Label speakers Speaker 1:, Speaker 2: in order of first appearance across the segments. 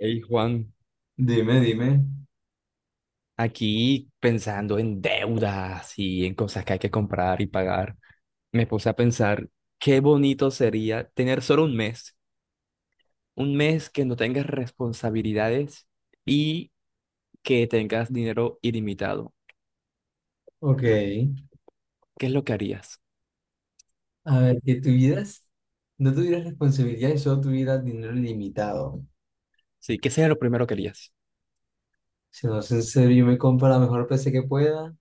Speaker 1: Hey Juan,
Speaker 2: Dime.
Speaker 1: aquí pensando en deudas y en cosas que hay que comprar y pagar, me puse a pensar qué bonito sería tener solo un mes que no tengas responsabilidades y que tengas dinero ilimitado.
Speaker 2: Ok.
Speaker 1: ¿Qué es lo que harías?
Speaker 2: A ver, que tuvieras, no tuvieras responsabilidades, solo tuvieras dinero ilimitado.
Speaker 1: Sí, ¿qué sería lo primero que harías?
Speaker 2: Si no es en serio, yo me compro la mejor PC que pueda,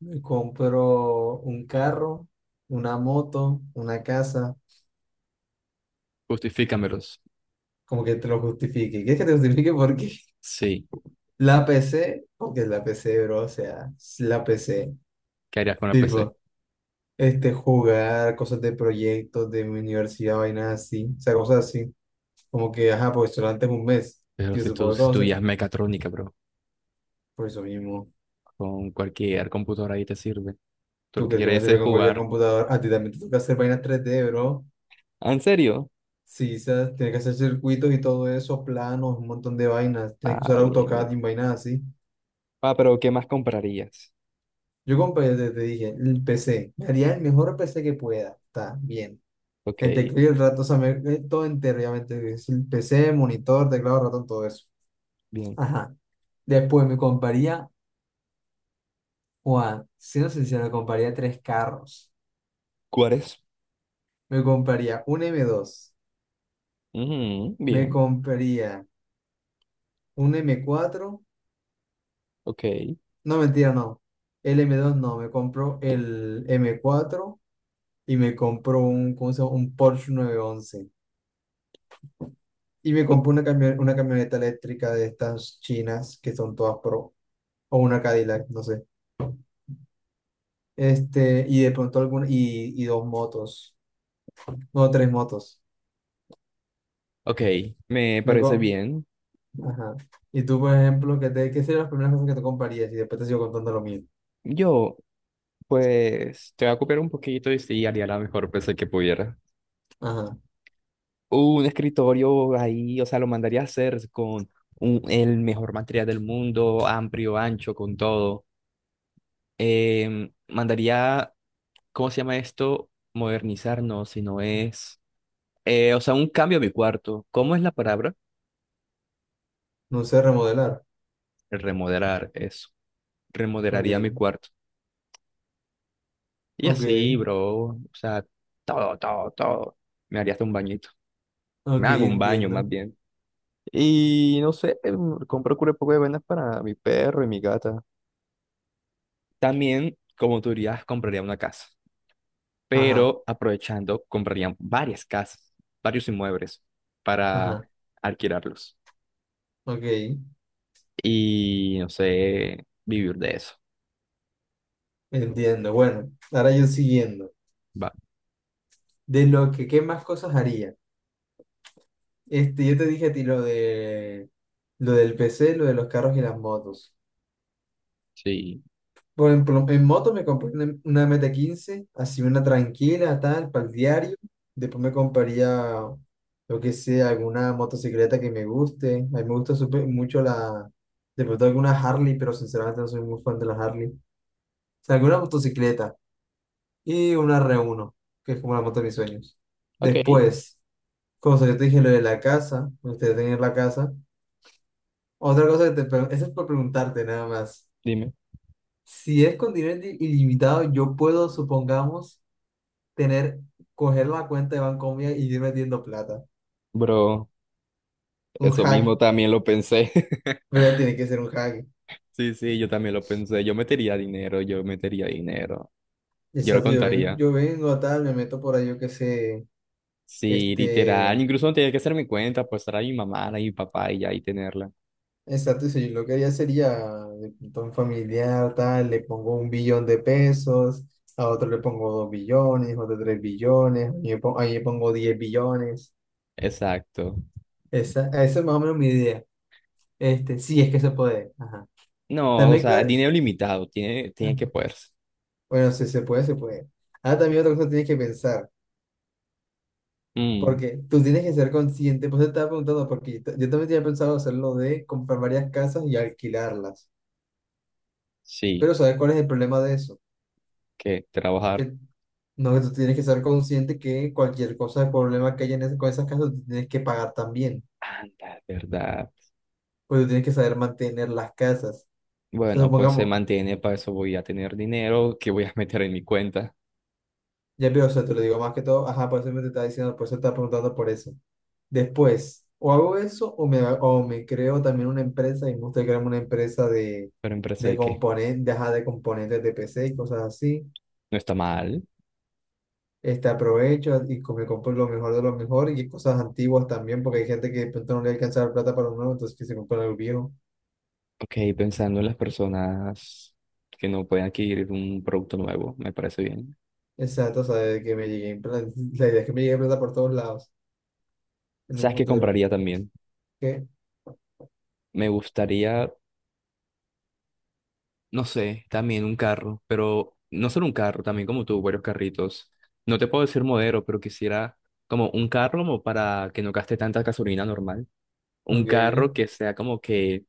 Speaker 2: me compro un carro, una moto, una casa,
Speaker 1: Justifícamelos.
Speaker 2: como que te lo justifique. ¿Quieres que te justifique por qué?
Speaker 1: Sí,
Speaker 2: La PC, porque es la PC, bro, o sea, es la PC.
Speaker 1: ¿qué harías con la PC?
Speaker 2: Jugar cosas de proyectos de mi universidad, vainas así, o sea, cosas así. Como que, ajá, porque solo es un mes,
Speaker 1: Pero
Speaker 2: y
Speaker 1: si tú
Speaker 2: supongo que
Speaker 1: si tú
Speaker 2: cosas.
Speaker 1: ya mecatrónica, bro,
Speaker 2: Por eso mismo,
Speaker 1: con cualquier computadora ahí te sirve. Tú lo
Speaker 2: tú
Speaker 1: que
Speaker 2: crees que me
Speaker 1: quieres
Speaker 2: sirve
Speaker 1: es
Speaker 2: con cualquier
Speaker 1: jugar.
Speaker 2: computador. A ti también te toca hacer vainas tres d, bro.
Speaker 1: ¿Ah, en serio?
Speaker 2: Sí, o sea, tienes que hacer circuitos y todo eso, planos, un montón de vainas. Tienes que
Speaker 1: Ah,
Speaker 2: usar
Speaker 1: bien.
Speaker 2: AutoCAD y vainas así.
Speaker 1: Ah, pero ¿qué más comprarías?
Speaker 2: Yo compré, te dije, el P C. Me haría el mejor P C que pueda. Está bien.
Speaker 1: Ok,
Speaker 2: El teclado y el ratón, o sea, todo entero, obviamente. Es el P C, monitor, teclado, ratón, todo eso.
Speaker 1: bien.
Speaker 2: Ajá. Después me compraría, Juan, siendo sincero, me compraría tres carros.
Speaker 1: ¿Cuáles?
Speaker 2: Me compraría un m dos,
Speaker 1: Ujú,
Speaker 2: me
Speaker 1: bien,
Speaker 2: compraría un m cuatro,
Speaker 1: ok.
Speaker 2: no, mentira, no. El m dos no, me compró el m cuatro y me compró un, ¿cómo se llama?, un Porsche 911. Y me compró una, una camioneta eléctrica de estas chinas que son todas pro, o una Cadillac, no sé. Y de pronto alguna, y dos motos, no, tres motos.
Speaker 1: Ok, me
Speaker 2: Me,
Speaker 1: parece
Speaker 2: co-
Speaker 1: bien.
Speaker 2: Ajá. Y tú, por ejemplo, ¿qué, te, qué serían las primeras cosas que te comprarías? Y después te sigo contando lo mío.
Speaker 1: Yo, pues, te voy a copiar un poquito y sí, haría la mejor PC que pudiera.
Speaker 2: Ajá.
Speaker 1: Un escritorio ahí, o sea, lo mandaría a hacer con el mejor material del mundo, amplio, ancho, con todo. Mandaría ¿cómo se llama esto? Modernizar, no, si no es, o sea, un cambio a mi cuarto. ¿Cómo es la palabra?
Speaker 2: No sé, remodelar.
Speaker 1: El remodelar eso. Remodelaría mi
Speaker 2: Ok.
Speaker 1: cuarto. Y
Speaker 2: Ok.
Speaker 1: así, bro, o sea, todo, todo, todo. Me haría hasta un bañito. Me
Speaker 2: Ok,
Speaker 1: hago un baño más
Speaker 2: entiendo.
Speaker 1: bien. Y no sé, compro un poco de vainas para mi perro y mi gata. También, como tú dirías, compraría una casa.
Speaker 2: Ajá.
Speaker 1: Pero aprovechando, compraría varias casas, varios inmuebles para
Speaker 2: Ajá.
Speaker 1: alquilarlos.
Speaker 2: Ok.
Speaker 1: Y no sé, vivir de eso.
Speaker 2: Entiendo. Bueno, ahora yo siguiendo.
Speaker 1: Va.
Speaker 2: De lo que, ¿qué más cosas haría? Yo te dije a ti lo de, lo del PC, lo de los carros y las motos.
Speaker 1: Sí.
Speaker 2: Por ejemplo, en moto me compré una MT-15, así una tranquila, tal, para el diario. Después me compraría, lo que sea, alguna motocicleta que me guste. A mí me gusta súper mucho la, de pronto alguna Harley, pero sinceramente no soy muy fan de la Harley. O sea, alguna motocicleta y una r uno que es como la moto de mis sueños.
Speaker 1: Ok,
Speaker 2: Después, cosa que te dije, lo de la casa, me gustaría tener la casa. Otra cosa que te, pre-, eso es por preguntarte nada más.
Speaker 1: dime.
Speaker 2: Si es con dinero ilimitado, yo puedo, supongamos tener, coger la cuenta de Bancomia y ir metiendo plata.
Speaker 1: Bro,
Speaker 2: Un
Speaker 1: eso
Speaker 2: hack,
Speaker 1: mismo también lo pensé.
Speaker 2: pero tiene que ser un hack.
Speaker 1: Sí, sí, yo también lo pensé. Yo metería dinero, yo metería dinero. Yo lo
Speaker 2: Exacto, yo vengo,
Speaker 1: contaría.
Speaker 2: yo vengo, tal, me meto por ahí, yo qué sé,
Speaker 1: Sí, literal.
Speaker 2: este,
Speaker 1: Incluso no tenía que hacer mi cuenta, pues estar a mi mamá, a mi papá y ya y tenerla.
Speaker 2: exacto, y si yo lo que haría sería, de pronto un familiar, tal, le pongo 1 billón de pesos, a otro le pongo 2 billones, otro 3 billones, ahí le pongo 10 billones.
Speaker 1: Exacto.
Speaker 2: Esa es más o menos mi idea. Sí, es que se puede. Ajá.
Speaker 1: No, o
Speaker 2: También,
Speaker 1: sea,
Speaker 2: cuál-
Speaker 1: dinero limitado. Tiene que
Speaker 2: ajá.
Speaker 1: poderse.
Speaker 2: Bueno, si se puede, se puede. Ah, también otra cosa que tienes que pensar.
Speaker 1: Mm,
Speaker 2: Porque tú tienes que ser consciente, pues te estaba preguntando, porque yo, ta-, yo también tenía pensado hacerlo de comprar varias casas y alquilarlas.
Speaker 1: sí,
Speaker 2: Pero ¿sabes cuál es el problema de eso?
Speaker 1: que trabajar.
Speaker 2: Que no, que tú tienes que ser consciente que cualquier cosa de problema que haya en ese-, con esas casas, tú tienes que pagar también.
Speaker 1: Anda, ¿verdad?
Speaker 2: Pues tú tienes que saber mantener las casas. O sea,
Speaker 1: Bueno, pues se
Speaker 2: supongamos,
Speaker 1: mantiene, para eso voy a tener dinero que voy a meter en mi cuenta.
Speaker 2: ya veo, o sea, te lo digo más que todo, ajá, por eso me te estaba diciendo, por eso te estaba preguntando por eso. Después, o hago eso o me creo también una empresa y me gusta crearme una empresa
Speaker 1: Pero en empresa
Speaker 2: de
Speaker 1: de que
Speaker 2: componentes, ajá, de componentes de PC y cosas así.
Speaker 1: no está mal.
Speaker 2: Aprovecho y co-, me compro lo mejor de lo mejor y cosas antiguas también, porque hay gente que de pronto no le alcanza la plata para uno nuevo, entonces que se compra algo viejo.
Speaker 1: Ok, pensando en las personas que no pueden adquirir un producto nuevo, me parece bien.
Speaker 2: Exacto, o sea, de que me llegue, pla- la idea es que me llegue plata por todos lados en un
Speaker 1: ¿Sabes qué
Speaker 2: futuro.
Speaker 1: compraría también?
Speaker 2: ¿Qué?
Speaker 1: Me gustaría, no sé, también un carro, pero no solo un carro, también como tú, varios carritos. No te puedo decir modelo, pero quisiera como un carro como para que no gaste tanta gasolina normal. Un
Speaker 2: Ok,
Speaker 1: carro que sea como que,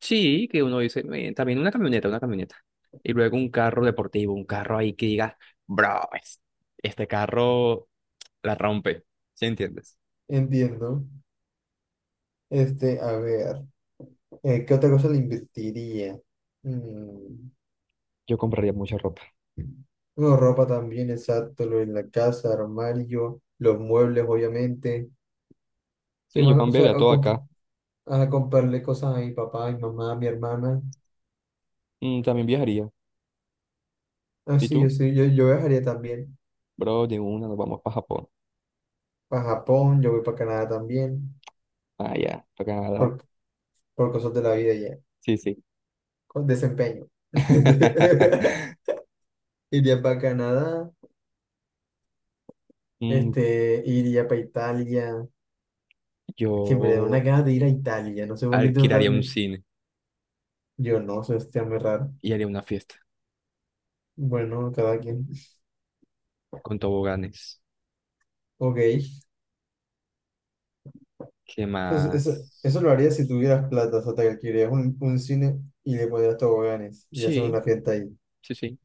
Speaker 1: sí, que uno dice, también una camioneta, una camioneta. Y luego un carro deportivo, un carro ahí que diga, bro, este carro. La rompe, ¿sí entiendes?
Speaker 2: entiendo. A ver, ¿qué otra cosa le invertiría? Mm.
Speaker 1: Yo compraría mucha ropa.
Speaker 2: Bueno, ropa también, exacto, lo en la casa, armario, los muebles, obviamente. ¿Qué
Speaker 1: Sí, yo
Speaker 2: más?
Speaker 1: cambiaría todo acá.
Speaker 2: A comprarle cosas a mi papá, a mi mamá, a mi hermana.
Speaker 1: También viajaría.
Speaker 2: Ah,
Speaker 1: ¿Y
Speaker 2: sí, yo
Speaker 1: tú?
Speaker 2: sí, yo, yo viajaría también
Speaker 1: Bro, de una nos vamos para Japón.
Speaker 2: para Japón, yo voy para Canadá también,
Speaker 1: Ah, ya, para Canadá.
Speaker 2: por, por cosas de la vida ya,
Speaker 1: Sí, sí.
Speaker 2: con desempeño. Iría para Canadá,
Speaker 1: Mm,
Speaker 2: iría para Italia, que me da una
Speaker 1: yo
Speaker 2: ganas de ir a Italia, no sé por qué tengo
Speaker 1: alquilaría un
Speaker 2: tan...
Speaker 1: cine
Speaker 2: Yo no, eso está muy raro.
Speaker 1: y haría una fiesta
Speaker 2: Bueno, cada quien.
Speaker 1: con toboganes.
Speaker 2: Ok.
Speaker 1: ¿Qué
Speaker 2: Entonces, eso,
Speaker 1: más?
Speaker 2: eso lo harías si tuvieras plata, o sea, te alquilarías un cine y le pondrías toboganes y haces
Speaker 1: Sí,
Speaker 2: una fiesta ahí.
Speaker 1: sí, sí.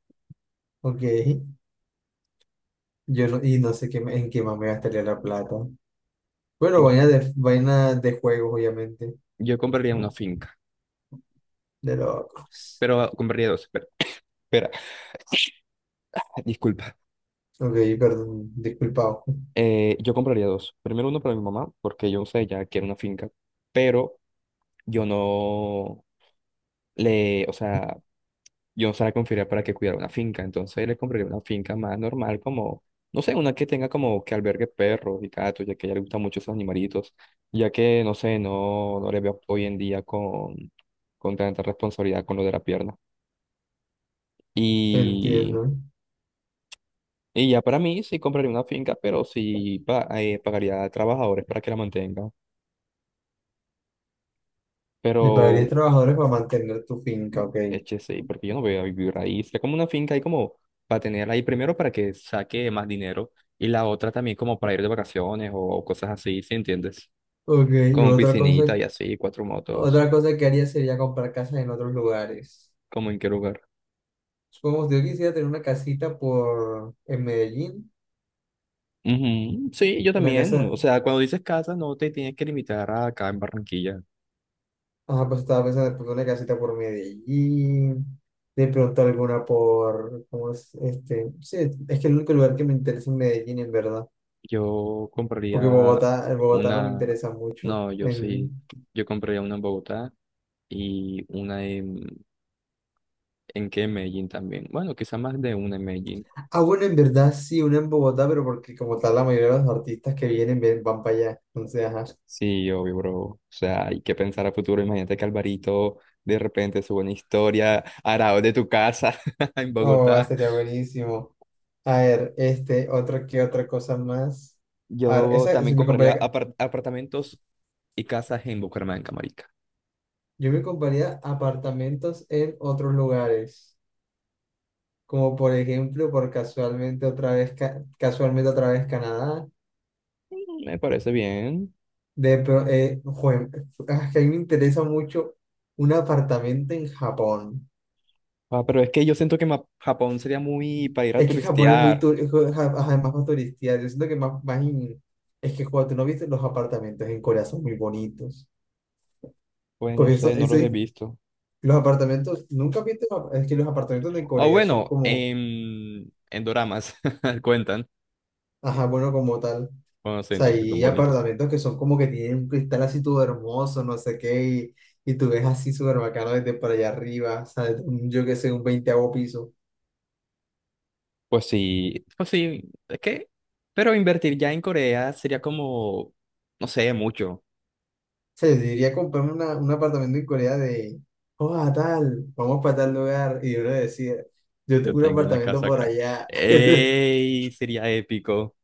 Speaker 2: Ok, yo no, y no sé qué, me-, en qué más me gastaría la plata. Bueno,
Speaker 1: Y-
Speaker 2: vaina de juegos, obviamente.
Speaker 1: Yo compraría una finca,
Speaker 2: De loco.
Speaker 1: pero compraría dos. Espera, espera. Disculpa.
Speaker 2: Ok, perdón, disculpado.
Speaker 1: Yo compraría dos. Primero uno para mi mamá, porque yo sé, ella quiere una finca. Pero yo no le, o sea, yo no se la confiaría para que cuidara una finca, entonces le compraría una finca más normal, como, no sé, una que tenga como que albergue perros y gatos, ya que a ella le gustan mucho esos animalitos, ya que, no sé, no, no le veo hoy en día con, tanta responsabilidad con lo de la pierna. Y,
Speaker 2: Entiendo.
Speaker 1: y ya para mí sí compraría una finca, pero sí pagaría a trabajadores para que la mantengan.
Speaker 2: Y
Speaker 1: Pero
Speaker 2: pagarías trabajadores para mantener tu finca, ok.
Speaker 1: HCI, porque yo no voy a vivir ahí. Sería como una finca ahí como para tener ahí primero para que saque más dinero y la otra también como para ir de vacaciones o cosas así, ¿sí entiendes?
Speaker 2: Ok, y
Speaker 1: Con piscinita y así, cuatro motos,
Speaker 2: otra cosa que haría sería comprar casas en otros lugares.
Speaker 1: ¿como en qué lugar?
Speaker 2: Supongamos, yo quisiera tener una casita por, en Medellín,
Speaker 1: Ujú, sí, yo
Speaker 2: una
Speaker 1: también.
Speaker 2: casa.
Speaker 1: O sea, cuando dices casa, no te tienes que limitar a acá en Barranquilla.
Speaker 2: Ajá, pues estaba pensando de pronto una casita por Medellín, de pronto alguna por, ¿cómo es? Sí, es que el único lugar que me interesa es Medellín, en verdad,
Speaker 1: Yo
Speaker 2: porque
Speaker 1: compraría
Speaker 2: Bogotá, el Bogotá no me
Speaker 1: una,
Speaker 2: interesa mucho.
Speaker 1: no, yo
Speaker 2: En-.
Speaker 1: sí, yo compraría una en Bogotá y una ¿en qué? En Medellín también. Bueno, quizá más de una en Medellín.
Speaker 2: Ah, bueno, en verdad sí, una en Bogotá, pero porque como tal la mayoría de los artistas que vienen van para allá, entonces, ajá.
Speaker 1: Sí, obvio, bro. O sea, hay que pensar a futuro. Imagínate que Alvarito de repente sube una historia arado de tu casa en
Speaker 2: Oh,
Speaker 1: Bogotá.
Speaker 2: sería buenísimo. A ver, otra, ¿qué otra cosa más? A ver,
Speaker 1: Yo
Speaker 2: esa,
Speaker 1: también
Speaker 2: si me
Speaker 1: compraría
Speaker 2: compraría,
Speaker 1: apartamentos y casas en Bucaramanga, marica.
Speaker 2: yo me compraría apartamentos en otros lugares, como por ejemplo, por casualmente otra vez, Ca-, casualmente otra vez Canadá.
Speaker 1: Me parece bien.
Speaker 2: De, pro- jue- ah, Que a mí me interesa mucho un apartamento en Japón.
Speaker 1: Ah, pero es que yo siento que Japón sería muy para ir a
Speaker 2: Es que Japón es muy
Speaker 1: turistear.
Speaker 2: tur-, es que Ja-, ajá, es más para turistear. Yo siento que más, más in-, es que cuando tú no viste los apartamentos en Corea son muy bonitos.
Speaker 1: Pues no
Speaker 2: Porque eso,
Speaker 1: sé, no
Speaker 2: eso
Speaker 1: los he
Speaker 2: es-,
Speaker 1: visto.
Speaker 2: los apartamentos, nunca viste, los ap-, es que los apartamentos de
Speaker 1: O
Speaker 2: Corea son
Speaker 1: bueno,
Speaker 2: como,
Speaker 1: en doramas cuentan.
Speaker 2: ajá, bueno, como tal.
Speaker 1: Bueno, sí,
Speaker 2: Sea,
Speaker 1: entonces son
Speaker 2: hay
Speaker 1: bonitos.
Speaker 2: apartamentos que son como que tienen un cristal así todo hermoso, no sé qué, y tú ves así súper bacano desde por allá arriba, o sea, desde un-, yo qué sé, un 20.º piso. O
Speaker 1: Pues sí, es que, pero invertir ya en Corea sería como, no sé, mucho.
Speaker 2: sea, yo diría comprarme una-, un apartamento en Corea de, oh, a tal, vamos para tal lugar, y uno decía, yo
Speaker 1: Yo
Speaker 2: tengo un
Speaker 1: tengo una
Speaker 2: apartamento
Speaker 1: casa
Speaker 2: por
Speaker 1: acá.
Speaker 2: allá.
Speaker 1: ¡Ey! Sería épico.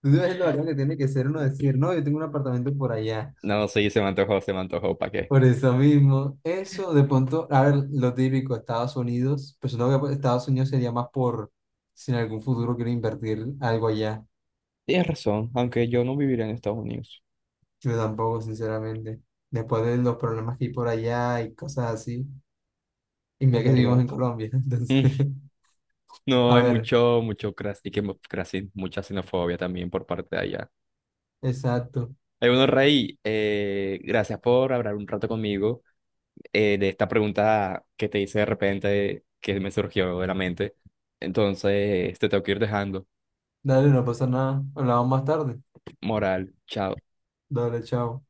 Speaker 2: Tú sabes lo bacano que tiene que ser uno decir, no, yo tengo un apartamento por allá.
Speaker 1: No, sí, se me antojó, ¿para qué?
Speaker 2: Por eso mismo, eso de pronto, a ver, lo típico, Estados Unidos, pues no, que pues, Estados Unidos sería más por si en algún futuro quiero invertir algo allá.
Speaker 1: Tienes razón, aunque yo no viviría en Estados Unidos,
Speaker 2: Yo tampoco, sinceramente. Después de los problemas que hay por allá y cosas así. Y
Speaker 1: es
Speaker 2: mira que vivimos
Speaker 1: verdad.
Speaker 2: en Colombia, entonces,
Speaker 1: Mm, no,
Speaker 2: a
Speaker 1: hay
Speaker 2: ver,
Speaker 1: mucho, mucho cras y que mucha xenofobia también por parte de allá.
Speaker 2: exacto.
Speaker 1: Hay uno, Rey, gracias por hablar un rato conmigo. De esta pregunta que te hice de repente que me surgió de la mente. Entonces, te tengo que ir dejando.
Speaker 2: Dale, no pasa nada. Hablamos más tarde.
Speaker 1: Moral, chao.
Speaker 2: Dale, chao.